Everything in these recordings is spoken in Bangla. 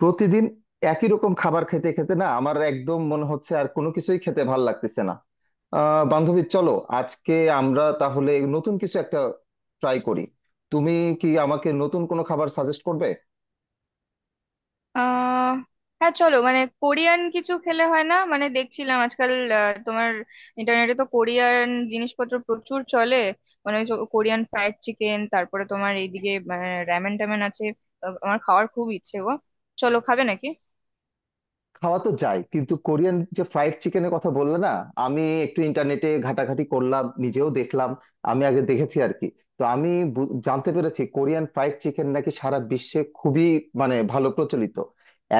প্রতিদিন একই রকম খাবার খেতে খেতে না আমার একদম মনে হচ্ছে আর কোনো কিছুই খেতে ভাল লাগতেছে না। বান্ধবী, চলো আজকে আমরা তাহলে নতুন কিছু একটা ট্রাই করি। তুমি কি আমাকে নতুন কোনো খাবার সাজেস্ট করবে? আহ হ্যাঁ, চলো মানে কোরিয়ান কিছু খেলে হয় না। মানে দেখছিলাম আজকাল তোমার ইন্টারনেটে তো কোরিয়ান জিনিসপত্র প্রচুর চলে। মানে ওই যে কোরিয়ান ফ্রাইড চিকেন, তারপরে তোমার এইদিকে র্যামেন ট্যামেন আছে। আমার খাওয়ার খুব ইচ্ছে গো। চলো, খাবে নাকি? খাওয়া তো যায়, কিন্তু কোরিয়ান যে ফ্রাইড চিকেনের কথা বললে না, আমি একটু ইন্টারনেটে ঘাটাঘাটি করলাম, নিজেও দেখলাম। আমি আগে দেখেছি আর কি। তো আমি জানতে পেরেছি কোরিয়ান ফ্রাইড চিকেন নাকি সারা বিশ্বে খুবই মানে ভালো প্রচলিত।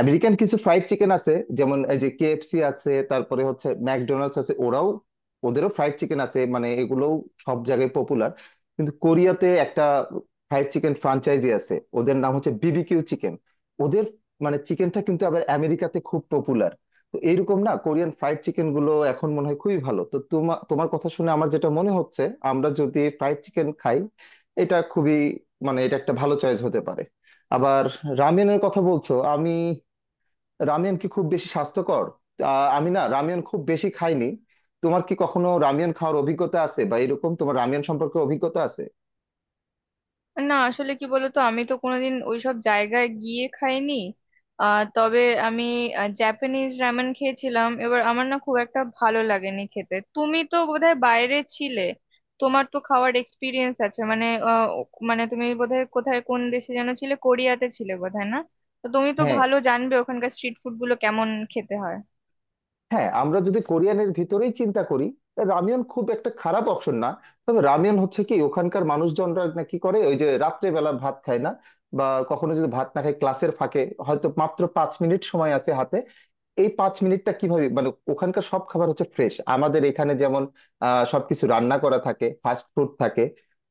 আমেরিকান কিছু ফ্রাইড চিকেন আছে, যেমন এই যে কেএফসি আছে, তারপরে হচ্ছে ম্যাকডোনাল্ডস আছে, ওরাও ওদেরও ফ্রাইড চিকেন আছে, মানে এগুলোও সব জায়গায় পপুলার। কিন্তু কোরিয়াতে একটা ফ্রাইড চিকেন ফ্রাঞ্চাইজি আছে, ওদের নাম হচ্ছে বিবিকিউ চিকেন। ওদের মানে চিকেনটা কিন্তু আবার আমেরিকাতে খুব পপুলার। তো এইরকম না, কোরিয়ান ফ্রাইড চিকেন গুলো এখন মনে হয় খুবই ভালো। তো তোমার তোমার কথা শুনে আমার যেটা মনে হচ্ছে, আমরা যদি ফ্রাইড চিকেন খাই, এটা খুবই মানে এটা একটা ভালো চয়েস হতে পারে। আবার রামেনের কথা বলছো, আমি রামিয়ন কি খুব বেশি স্বাস্থ্যকর? আমি না রামিয়ন খুব বেশি খাইনি। তোমার কি কখনো রামিয়ন খাওয়ার অভিজ্ঞতা আছে বা এরকম তোমার রামিয়ন সম্পর্কে অভিজ্ঞতা আছে? না, আসলে কি বলতো, আমি তো কোনোদিন ওইসব জায়গায় গিয়ে খাইনি। তবে আমি জাপানিজ রামেন খেয়েছিলাম এবার, আমার না খুব একটা ভালো লাগেনি খেতে। তুমি তো বোধহয় বাইরে ছিলে, তোমার তো খাওয়ার এক্সপিরিয়েন্স আছে। মানে মানে তুমি বোধহয় কোথায় কোন দেশে যেন ছিলে, কোরিয়াতে ছিলে বোধহয়, না? তো তুমি তো হ্যাঁ, ভালো জানবে ওখানকার স্ট্রিট ফুড গুলো কেমন খেতে হয়। হ্যাঁ, আমরা যদি কোরিয়ানের ভিতরেই চিন্তা করি, তা রামিয়ন খুব একটা খারাপ অপশন না। তবে রামিয়ন হচ্ছে কি, ওখানকার মানুষজনরা নাকি করে, ওই যে রাত্রে বেলা ভাত খায় না বা কখনো যদি ভাত না খায়, ক্লাসের ফাঁকে হয়তো মাত্র 5 মিনিট সময় আছে হাতে। এই 5 মিনিটটা কিভাবে, মানে ওখানকার সব খাবার হচ্ছে ফ্রেশ। আমাদের এখানে যেমন সবকিছু রান্না করা থাকে, ফাস্ট ফুড থাকে।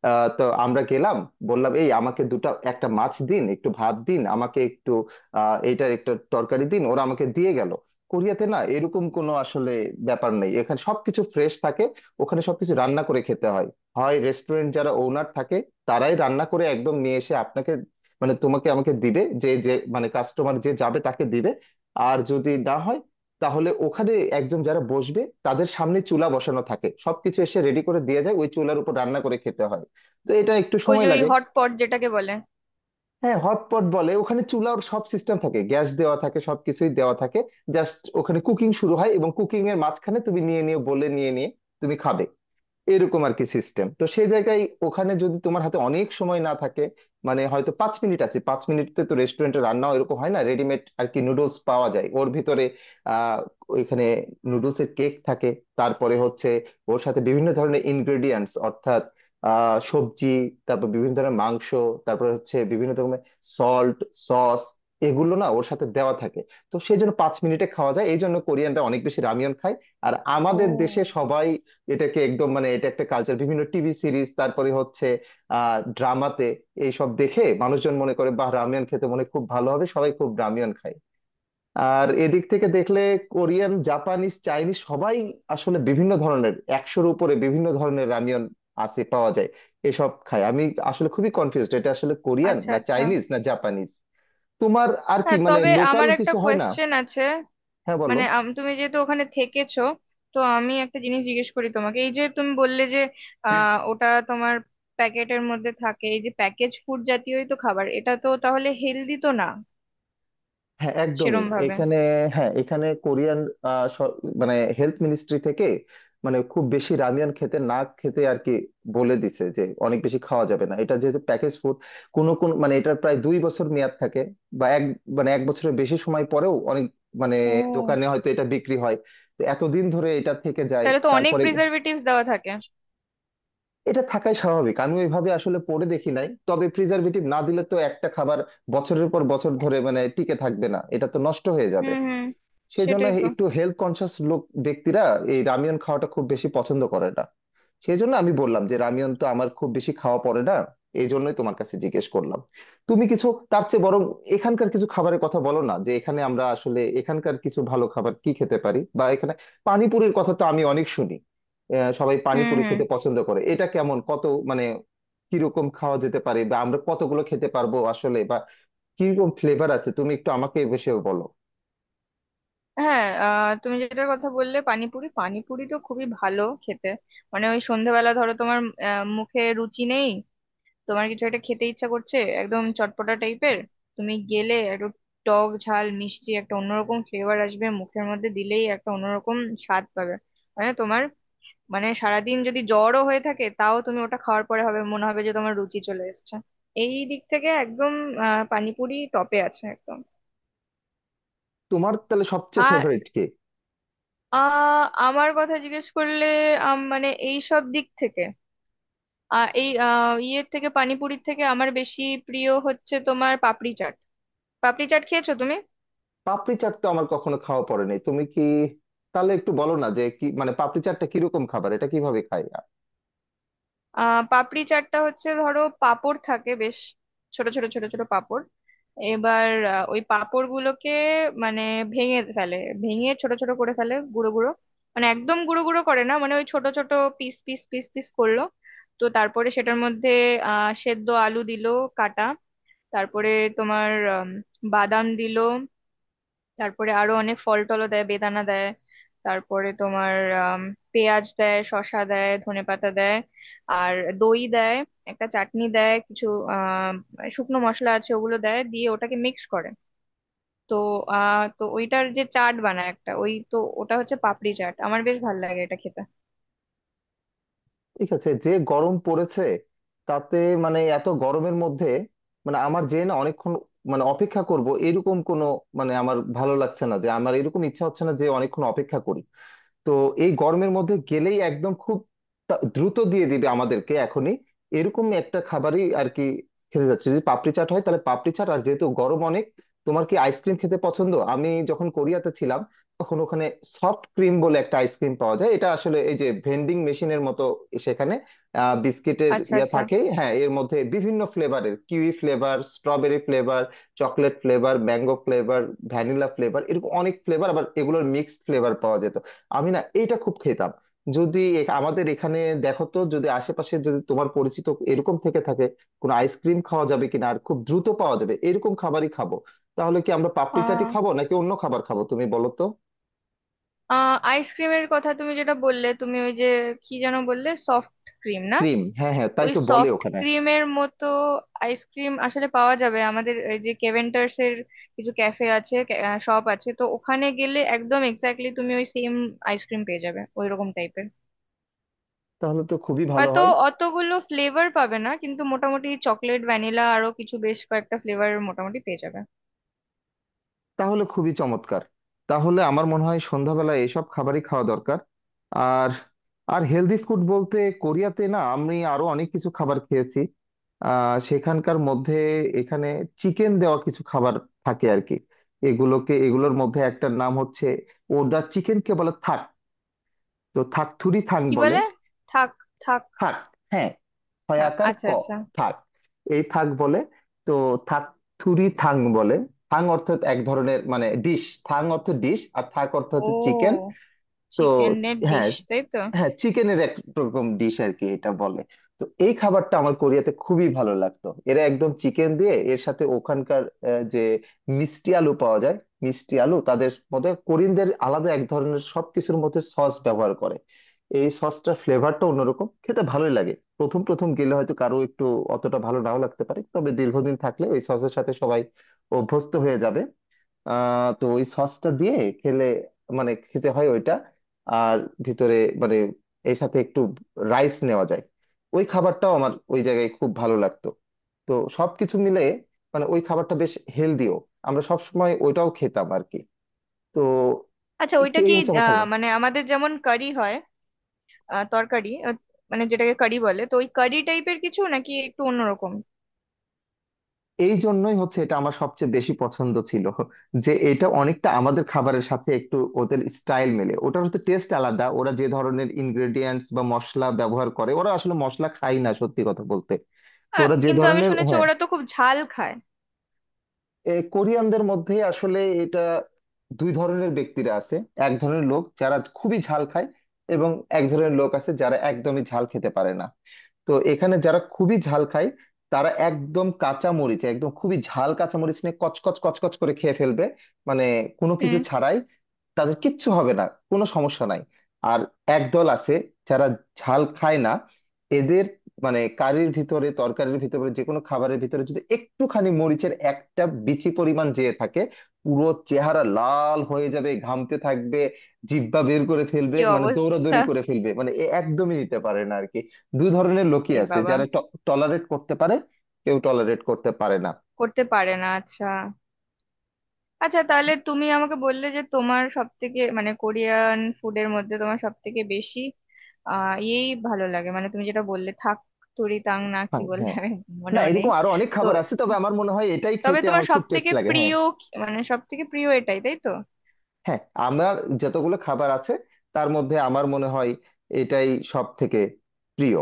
তো আমরা গেলাম, বললাম, এই আমাকে দুটো একটা মাছ দিন, একটু ভাত দিন, আমাকে একটু এইটার একটা তরকারি দিন, ওরা আমাকে দিয়ে গেল। কোরিয়াতে না এরকম কোনো আসলে ব্যাপার নেই। এখানে সবকিছু ফ্রেশ থাকে, ওখানে সবকিছু রান্না করে খেতে হয়। হয় রেস্টুরেন্ট যারা ওনার থাকে, তারাই রান্না করে একদম নিয়ে এসে আপনাকে মানে তোমাকে আমাকে দিবে, যে যে মানে কাস্টমার যে যাবে তাকে দিবে। আর যদি না হয়, তাহলে ওখানে একজন যারা বসবে, তাদের সামনে চুলা বসানো থাকে, সবকিছু এসে রেডি করে দিয়ে যায়, ওই চুলার উপর রান্না করে খেতে হয়। তো এটা একটু ওই যে সময় ওই লাগে। হট পট যেটাকে বলে। হ্যাঁ, হটপট বলে, ওখানে চুলার সব সিস্টেম থাকে, গ্যাস দেওয়া থাকে, সবকিছুই দেওয়া থাকে। জাস্ট ওখানে কুকিং শুরু হয় এবং কুকিং এর মাঝখানে তুমি নিয়ে নিয়ে বলে নিয়ে নিয়ে তুমি খাবে, এরকম আর কি সিস্টেম তো সেই জায়গায়। ওখানে যদি তোমার হাতে অনেক সময় না থাকে, মানে হয়তো 5 মিনিট আছে, 5 মিনিটে তো রেস্টুরেন্টে রান্নাও এরকম হয় না, রেডিমেড আর কি নুডলস পাওয়া যায় ওর ভিতরে। আহ ওইখানে নুডলসের কেক থাকে, তারপরে হচ্ছে ওর সাথে বিভিন্ন ধরনের ইনগ্রেডিয়েন্টস, অর্থাৎ সবজি, তারপর বিভিন্ন ধরনের মাংস, তারপর হচ্ছে বিভিন্ন রকমের সল্ট, সস, এগুলো না ওর সাথে দেওয়া থাকে। তো সেই জন্য 5 মিনিটে খাওয়া যায়, এই জন্য কোরিয়ানরা অনেক বেশি রামিয়ন খায়। আর ও, আমাদের দেশে সবাই এটাকে একদম মানে এটা একটা কালচার, বিভিন্ন টিভি সিরিজ, তারপরে হচ্ছে ড্রামাতে এইসব দেখে মানুষজন মনে করে বা রামিয়ন খেতে মনে হয় খুব ভালো হবে, সবাই খুব রামিয়ন খায়। আর এদিক থেকে দেখলে কোরিয়ান, জাপানিজ, চাইনিজ সবাই আসলে বিভিন্ন ধরনের, 100-র উপরে বিভিন্ন ধরনের রামিয়ন আছে, পাওয়া যায়, এসব খায়। আমি আসলে খুবই কনফিউজড, এটা আসলে কোরিয়ান, আচ্ছা না আচ্ছা। চাইনিজ, না জাপানিজ। তোমার আর কি হ্যাঁ, মানে তবে লোকাল আমার একটা কিছু হয় না? কোয়েশ্চেন আছে। হ্যাঁ, বলো। মানে তুমি যেহেতু ওখানে থেকেছো, তো আমি একটা জিনিস জিজ্ঞেস করি তোমাকে। এই যে তুমি বললে যে ওটা তোমার প্যাকেটের মধ্যে থাকে, এই যে প্যাকেজ ফুড জাতীয়ই তো খাবার, এটা তো তাহলে হেলদি তো না হ্যাঁ, একদমই সেরম ভাবে। এখানে। হ্যাঁ, এখানে কোরিয়ান মানে হেলথ মিনিস্ট্রি থেকে মানে খুব বেশি রামিয়ান খেতে না খেতে আর কি বলে দিছে যে অনেক বেশি খাওয়া যাবে না, এটা যেহেতু প্যাকেজ ফুড। কোনো কোন মানে এটার প্রায় 2 বছর মেয়াদ থাকে বা এক মানে 1 বছরের বেশি সময় পরেও অনেক মানে ও, দোকানে হয়তো এটা বিক্রি হয়। তো এতদিন ধরে এটা থেকে যায়, তাহলে তো অনেক তারপরে প্রিজারভেটিভস দেওয়া থাকে। এটা থাকাই স্বাভাবিক। আমি ওইভাবে আসলে পড়ে দেখি নাই, তবে প্রিজারভেটিভ না দিলে তো একটা খাবার বছরের পর বছর ধরে মানে টিকে থাকবে না, এটা তো নষ্ট হয়ে যাবে। হুম হুম। সেই জন্য সেটাই তো। একটু হেলথ কনসিয়াস লোক, ব্যক্তিরা এই রামিয়ন খাওয়াটা খুব বেশি পছন্দ করে না। সেই জন্য আমি বললাম যে রামিয়ন তো আমার খুব বেশি খাওয়া পড়ে না, এই জন্যই তোমার কাছে জিজ্ঞেস করলাম তুমি কিছু তার চেয়ে বরং এখানকার কিছু খাবারের কথা বলো না, যে এখানে আমরা আসলে এখানকার কিছু ভালো খাবার কি খেতে পারি বা এখানে পানিপুরির কথা তো আমি অনেক শুনি। সবাই হুম পানিপুরি হুম। খেতে পছন্দ করে, এটা কেমন, কত মানে কিরকম খাওয়া যেতে পারে, বা আমরা কতগুলো খেতে পারবো আসলে, বা কিরকম ফ্লেভার আছে, তুমি একটু আমাকে এ বিষয়ে বলো। হ্যাঁ, তুমি যেটার কথা বললে পানিপুরি, পানিপুরি তো খুবই ভালো খেতে। মানে ওই সন্ধ্যাবেলা ধরো তোমার মুখে রুচি নেই, তোমার কিছু একটা খেতে ইচ্ছা করছে একদম চটপটা টাইপের। তুমি গেলে একটু টক ঝাল মিষ্টি একটা অন্যরকম ফ্লেভার আসবে, মুখের মধ্যে দিলেই একটা অন্যরকম স্বাদ পাবে। মানে তোমার মানে সারাদিন যদি জ্বরও হয়ে থাকে, তাও তুমি ওটা খাওয়ার পরে হবে, মনে হবে যে তোমার রুচি চলে এসেছে। এই দিক থেকে একদম পানিপুরি টপে আছে একদম। তোমার তাহলে সবচেয়ে আর ফেভারিট কে? আমার কথা জিজ্ঞেস করলে মানে এই সব দিক থেকে আহ এই আহ ইয়ের থেকে পানিপুরির থেকে আমার বেশি প্রিয় হচ্ছে তোমার পাপড়ি চাট। পাপড়ি চাট খেয়েছো তুমি? পাপড়ি চাট তো আমার কখনো খাওয়া পড়েনি, তুমি কি তাহলে একটু বলো না যে কি মানে পাপড়ি চাটটা কিরকম খাবার, এটা কিভাবে খাই পাপড়ি চাটটা হচ্ছে, ধরো পাঁপড় থাকে বেশ ছোট ছোট ছোট ছোট পাঁপড়। এবার ওই পাঁপড় গুলোকে মানে ভেঙে ফেলে, ভেঙে ছোট ছোট করে ফেলে গুঁড়ো গুঁড়ো, মানে একদম গুঁড়ো গুঁড়ো করে না, মানে ওই ছোট ছোট পিস পিস পিস পিস করলো। তো তারপরে সেটার মধ্যে সেদ্ধ আলু দিল, কাটা। তারপরে তোমার আম, বাদাম দিল। তারপরে আরো অনেক ফল টলও দেয়, বেদানা দেয়। তারপরে তোমার আম, পেঁয়াজ দেয়, শসা দেয়, ধনেপাতা দেয়। আর দই দেয়। একটা চাটনি দেয়, কিছু শুকনো মশলা আছে ওগুলো দেয়, দিয়ে ওটাকে মিক্স করে। তো তো ওইটার যে চাট বানায় একটা, ওই তো ওটা হচ্ছে পাপড়ি চাট। আমার বেশ ভালো লাগে এটা খেতে। ঠিক আছে। যে গরম পড়েছে, তাতে মানে এত গরমের মধ্যে মানে আমার যে না অনেকক্ষণ মানে অপেক্ষা করব এরকম কোনো মানে আমার ভালো লাগছে না, যে আমার এরকম ইচ্ছা হচ্ছে না যে অনেকক্ষণ অপেক্ষা করি। তো এই গরমের মধ্যে গেলেই একদম খুব দ্রুত দিয়ে দিবে আমাদেরকে এখনই, এরকম একটা খাবারই আর কি খেতে যাচ্ছে। যদি পাপড়ি চাট হয় তাহলে পাপড়ি চাট, আর যেহেতু গরম অনেক, তোমার কি আইসক্রিম খেতে পছন্দ? আমি যখন কোরিয়াতে ছিলাম তখন ওখানে সফট ক্রিম বলে একটা আইসক্রিম পাওয়া যায়। এটা আসলে এই যে ভেন্ডিং মেশিনের মতো সেখানে বিস্কিটের আচ্ছা ইয়া আচ্ছা। থাকে, হ্যাঁ, এর মধ্যে বিভিন্ন ফ্লেভারের, kiwi flavour, strawberry flavour, chocolate flavour, mango flavour, vanilla flavour, এরকম অনেক ফ্লেভার, আবার এগুলোর মিক্সড ফ্লেভার পাওয়া যেত। আমি না এইটা খুব খেতাম। যদি আমাদের এখানে দেখো তো, যদি আশেপাশে যদি তোমার পরিচিত এরকম থেকে থাকে কোনো আইসক্রিম খাওয়া যাবে কিনা, আর খুব দ্রুত পাওয়া যাবে এরকম খাবারই খাবো। তাহলে কি আমরা পাপড়ি চাটি আহ খাবো নাকি অন্য খাবার খাবো, তুমি বলো তো। আইসক্রিমের কথা তুমি যেটা বললে, তুমি ওই যে কি যেন বললে, সফট ক্রিম না? ক্রিম, হ্যাঁ হ্যাঁ, তাই ওই তো বলে সফট ওখানে। ক্রিমের মতো আইসক্রিম আসলে পাওয়া যাবে আমাদের এই যে কেভেন্টার্স এর কিছু ক্যাফে আছে, শপ আছে, তো ওখানে গেলে একদম এক্স্যাক্টলি তুমি ওই সেম আইসক্রিম পেয়ে যাবে ওই রকম টাইপের। তাহলে তো খুবই ভালো হয়তো হয়। অতগুলো ফ্লেভার পাবে না, কিন্তু মোটামুটি চকলেট, ভ্যানিলা, আরো কিছু বেশ কয়েকটা ফ্লেভার মোটামুটি পেয়ে যাবে। তাহলে খুবই চমৎকার। তাহলে আমার মনে হয় সন্ধ্যাবেলায় এসব খাবারই খাওয়া দরকার। আর আর হেলদি ফুড বলতে কোরিয়াতে না আমি আরো অনেক কিছু খাবার খেয়েছি। সেখানকার মধ্যে এখানে চিকেন দেওয়া কিছু খাবার থাকে আর কি, এগুলোকে এগুলোর মধ্যে একটার নাম হচ্ছে ওদা চিকেনকে বলে থাক। তো থাকথুরি থাং কি বলে। বলে? থাক, থাক। থাক, হ্যাঁ, হয় হ্যাঁ, আকার আচ্ছা ক, আচ্ছা। থাক। এই থাক বলে, তো থাক থুরি থাং বলে। থাং অর্থ এক ধরনের মানে ডিশ, থাং অর্থ ডিশ, আর থাক অর্থ হচ্ছে চিকেন। ও, তো চিকেনের হ্যাঁ, ডিশ, তাই তো? হ্যাঁ চিকেনের এক রকম ডিশ আর কি এটা বলে। তো এই খাবারটা আমার কোরিয়াতে খুবই ভালো লাগতো। এরা একদম চিকেন দিয়ে, এর সাথে ওখানকার যে মিষ্টি আলু পাওয়া যায়, মিষ্টি আলু, তাদের মধ্যে কোরিয়ানদের আলাদা এক ধরনের সবকিছুর মধ্যে সস ব্যবহার করে, এই সসটার ফ্লেভারটা অন্যরকম, খেতে ভালোই লাগে। প্রথম প্রথম গেলে হয়তো কারো একটু অতটা ভালো নাও লাগতে পারে, তবে দীর্ঘদিন থাকলে ওই সসের সাথে সবাই অভ্যস্ত হয়ে যাবে। তো ওই সসটা দিয়ে খেলে মানে খেতে হয় ওইটা। আর ভিতরে মানে এর সাথে একটু রাইস নেওয়া যায়। ওই খাবারটাও আমার ওই জায়গায় খুব ভালো লাগতো। তো সবকিছু মিলে মানে ওই খাবারটা বেশ হেলদিও, আমরা সবসময় ওইটাও খেতাম আর কি। তো আচ্ছা, ওইটা এই কি হচ্ছে আমার খাবার। মানে আমাদের যেমন কারি হয়, তরকারি, মানে যেটাকে কারি বলে, তো ওই কারি টাইপের কিছু নাকি একটু অন্যরকম? এই জন্যই হচ্ছে এটা আমার সবচেয়ে বেশি পছন্দ ছিল, যে এটা অনেকটা আমাদের খাবারের সাথে একটু ওদের স্টাইল মেলে, ওটার হচ্ছে টেস্ট আলাদা, ওরা যে ধরনের ইনগ্রেডিয়েন্টস বা মশলা ব্যবহার করে, ওরা আসলে মশলা খায় না সত্যি কথা বলতে। তো আর ওরা যে কিন্তু আমি ধরনের, শুনেছি হ্যাঁ, ওরা তো খুব ঝাল খায়। কোরিয়ানদের মধ্যে আসলে এটা দুই ধরনের ব্যক্তিরা আছে। এক ধরনের লোক যারা খুবই ঝাল খায়, এবং এক ধরনের লোক আছে যারা একদমই ঝাল খেতে পারে না। তো এখানে যারা খুবই ঝাল খায়, তারা একদম কাঁচা মরিচ, একদম খুবই ঝাল কাঁচা মরিচ নিয়ে কচকচ কচকচ করে খেয়ে ফেলবে মানে কোনো কিছু হুম। ছাড়াই, তাদের কিচ্ছু হবে না, কোনো সমস্যা নাই। আর একদল আছে যারা ঝাল খায় না, এদের মানে কারির ভিতরে, তরকারির ভিতরে, যে কোনো খাবারের ভিতরে যদি একটুখানি মরিচের একটা বিচি পরিমাণ যেয়ে থাকে, পুরো চেহারা লাল হয়ে যাবে, ঘামতে থাকবে, জিহ্বা বের করে ফেলবে, কি মানে অবস্থা! দৌড়াদৌড়ি করে ফেলবে, মানে এ একদমই নিতে পারে না আর কি। দুই ধরনের লোকই এ আছে, বাবা! যারা টলারেট করতে পারে, কেউ টলারেট করতে পারে না। করতে পারে না, আচ্ছা। আচ্ছা, তাহলে তুমি আমাকে বললে যে তোমার সব থেকে, মানে কোরিয়ান ফুডের মধ্যে তোমার সব থেকে বেশি আহ এই ভালো লাগে, মানে তুমি যেটা বললে থাক তুরি তাং, না কি হ্যাঁ, বললে হ্যাঁ। আমি না, মনেও নেই। এরকম আরো অনেক তো খাবার আছে, তবে আমার মনে হয় এটাই তবে খেতে তোমার আমার খুব সব টেস্ট থেকে লাগে। হ্যাঁ, প্রিয় মানে সব থেকে প্রিয় এটাই, তাই তো? হ্যাঁ, আমার যতগুলো খাবার আছে তার মধ্যে আমার মনে হয় এটাই সব থেকে প্রিয়।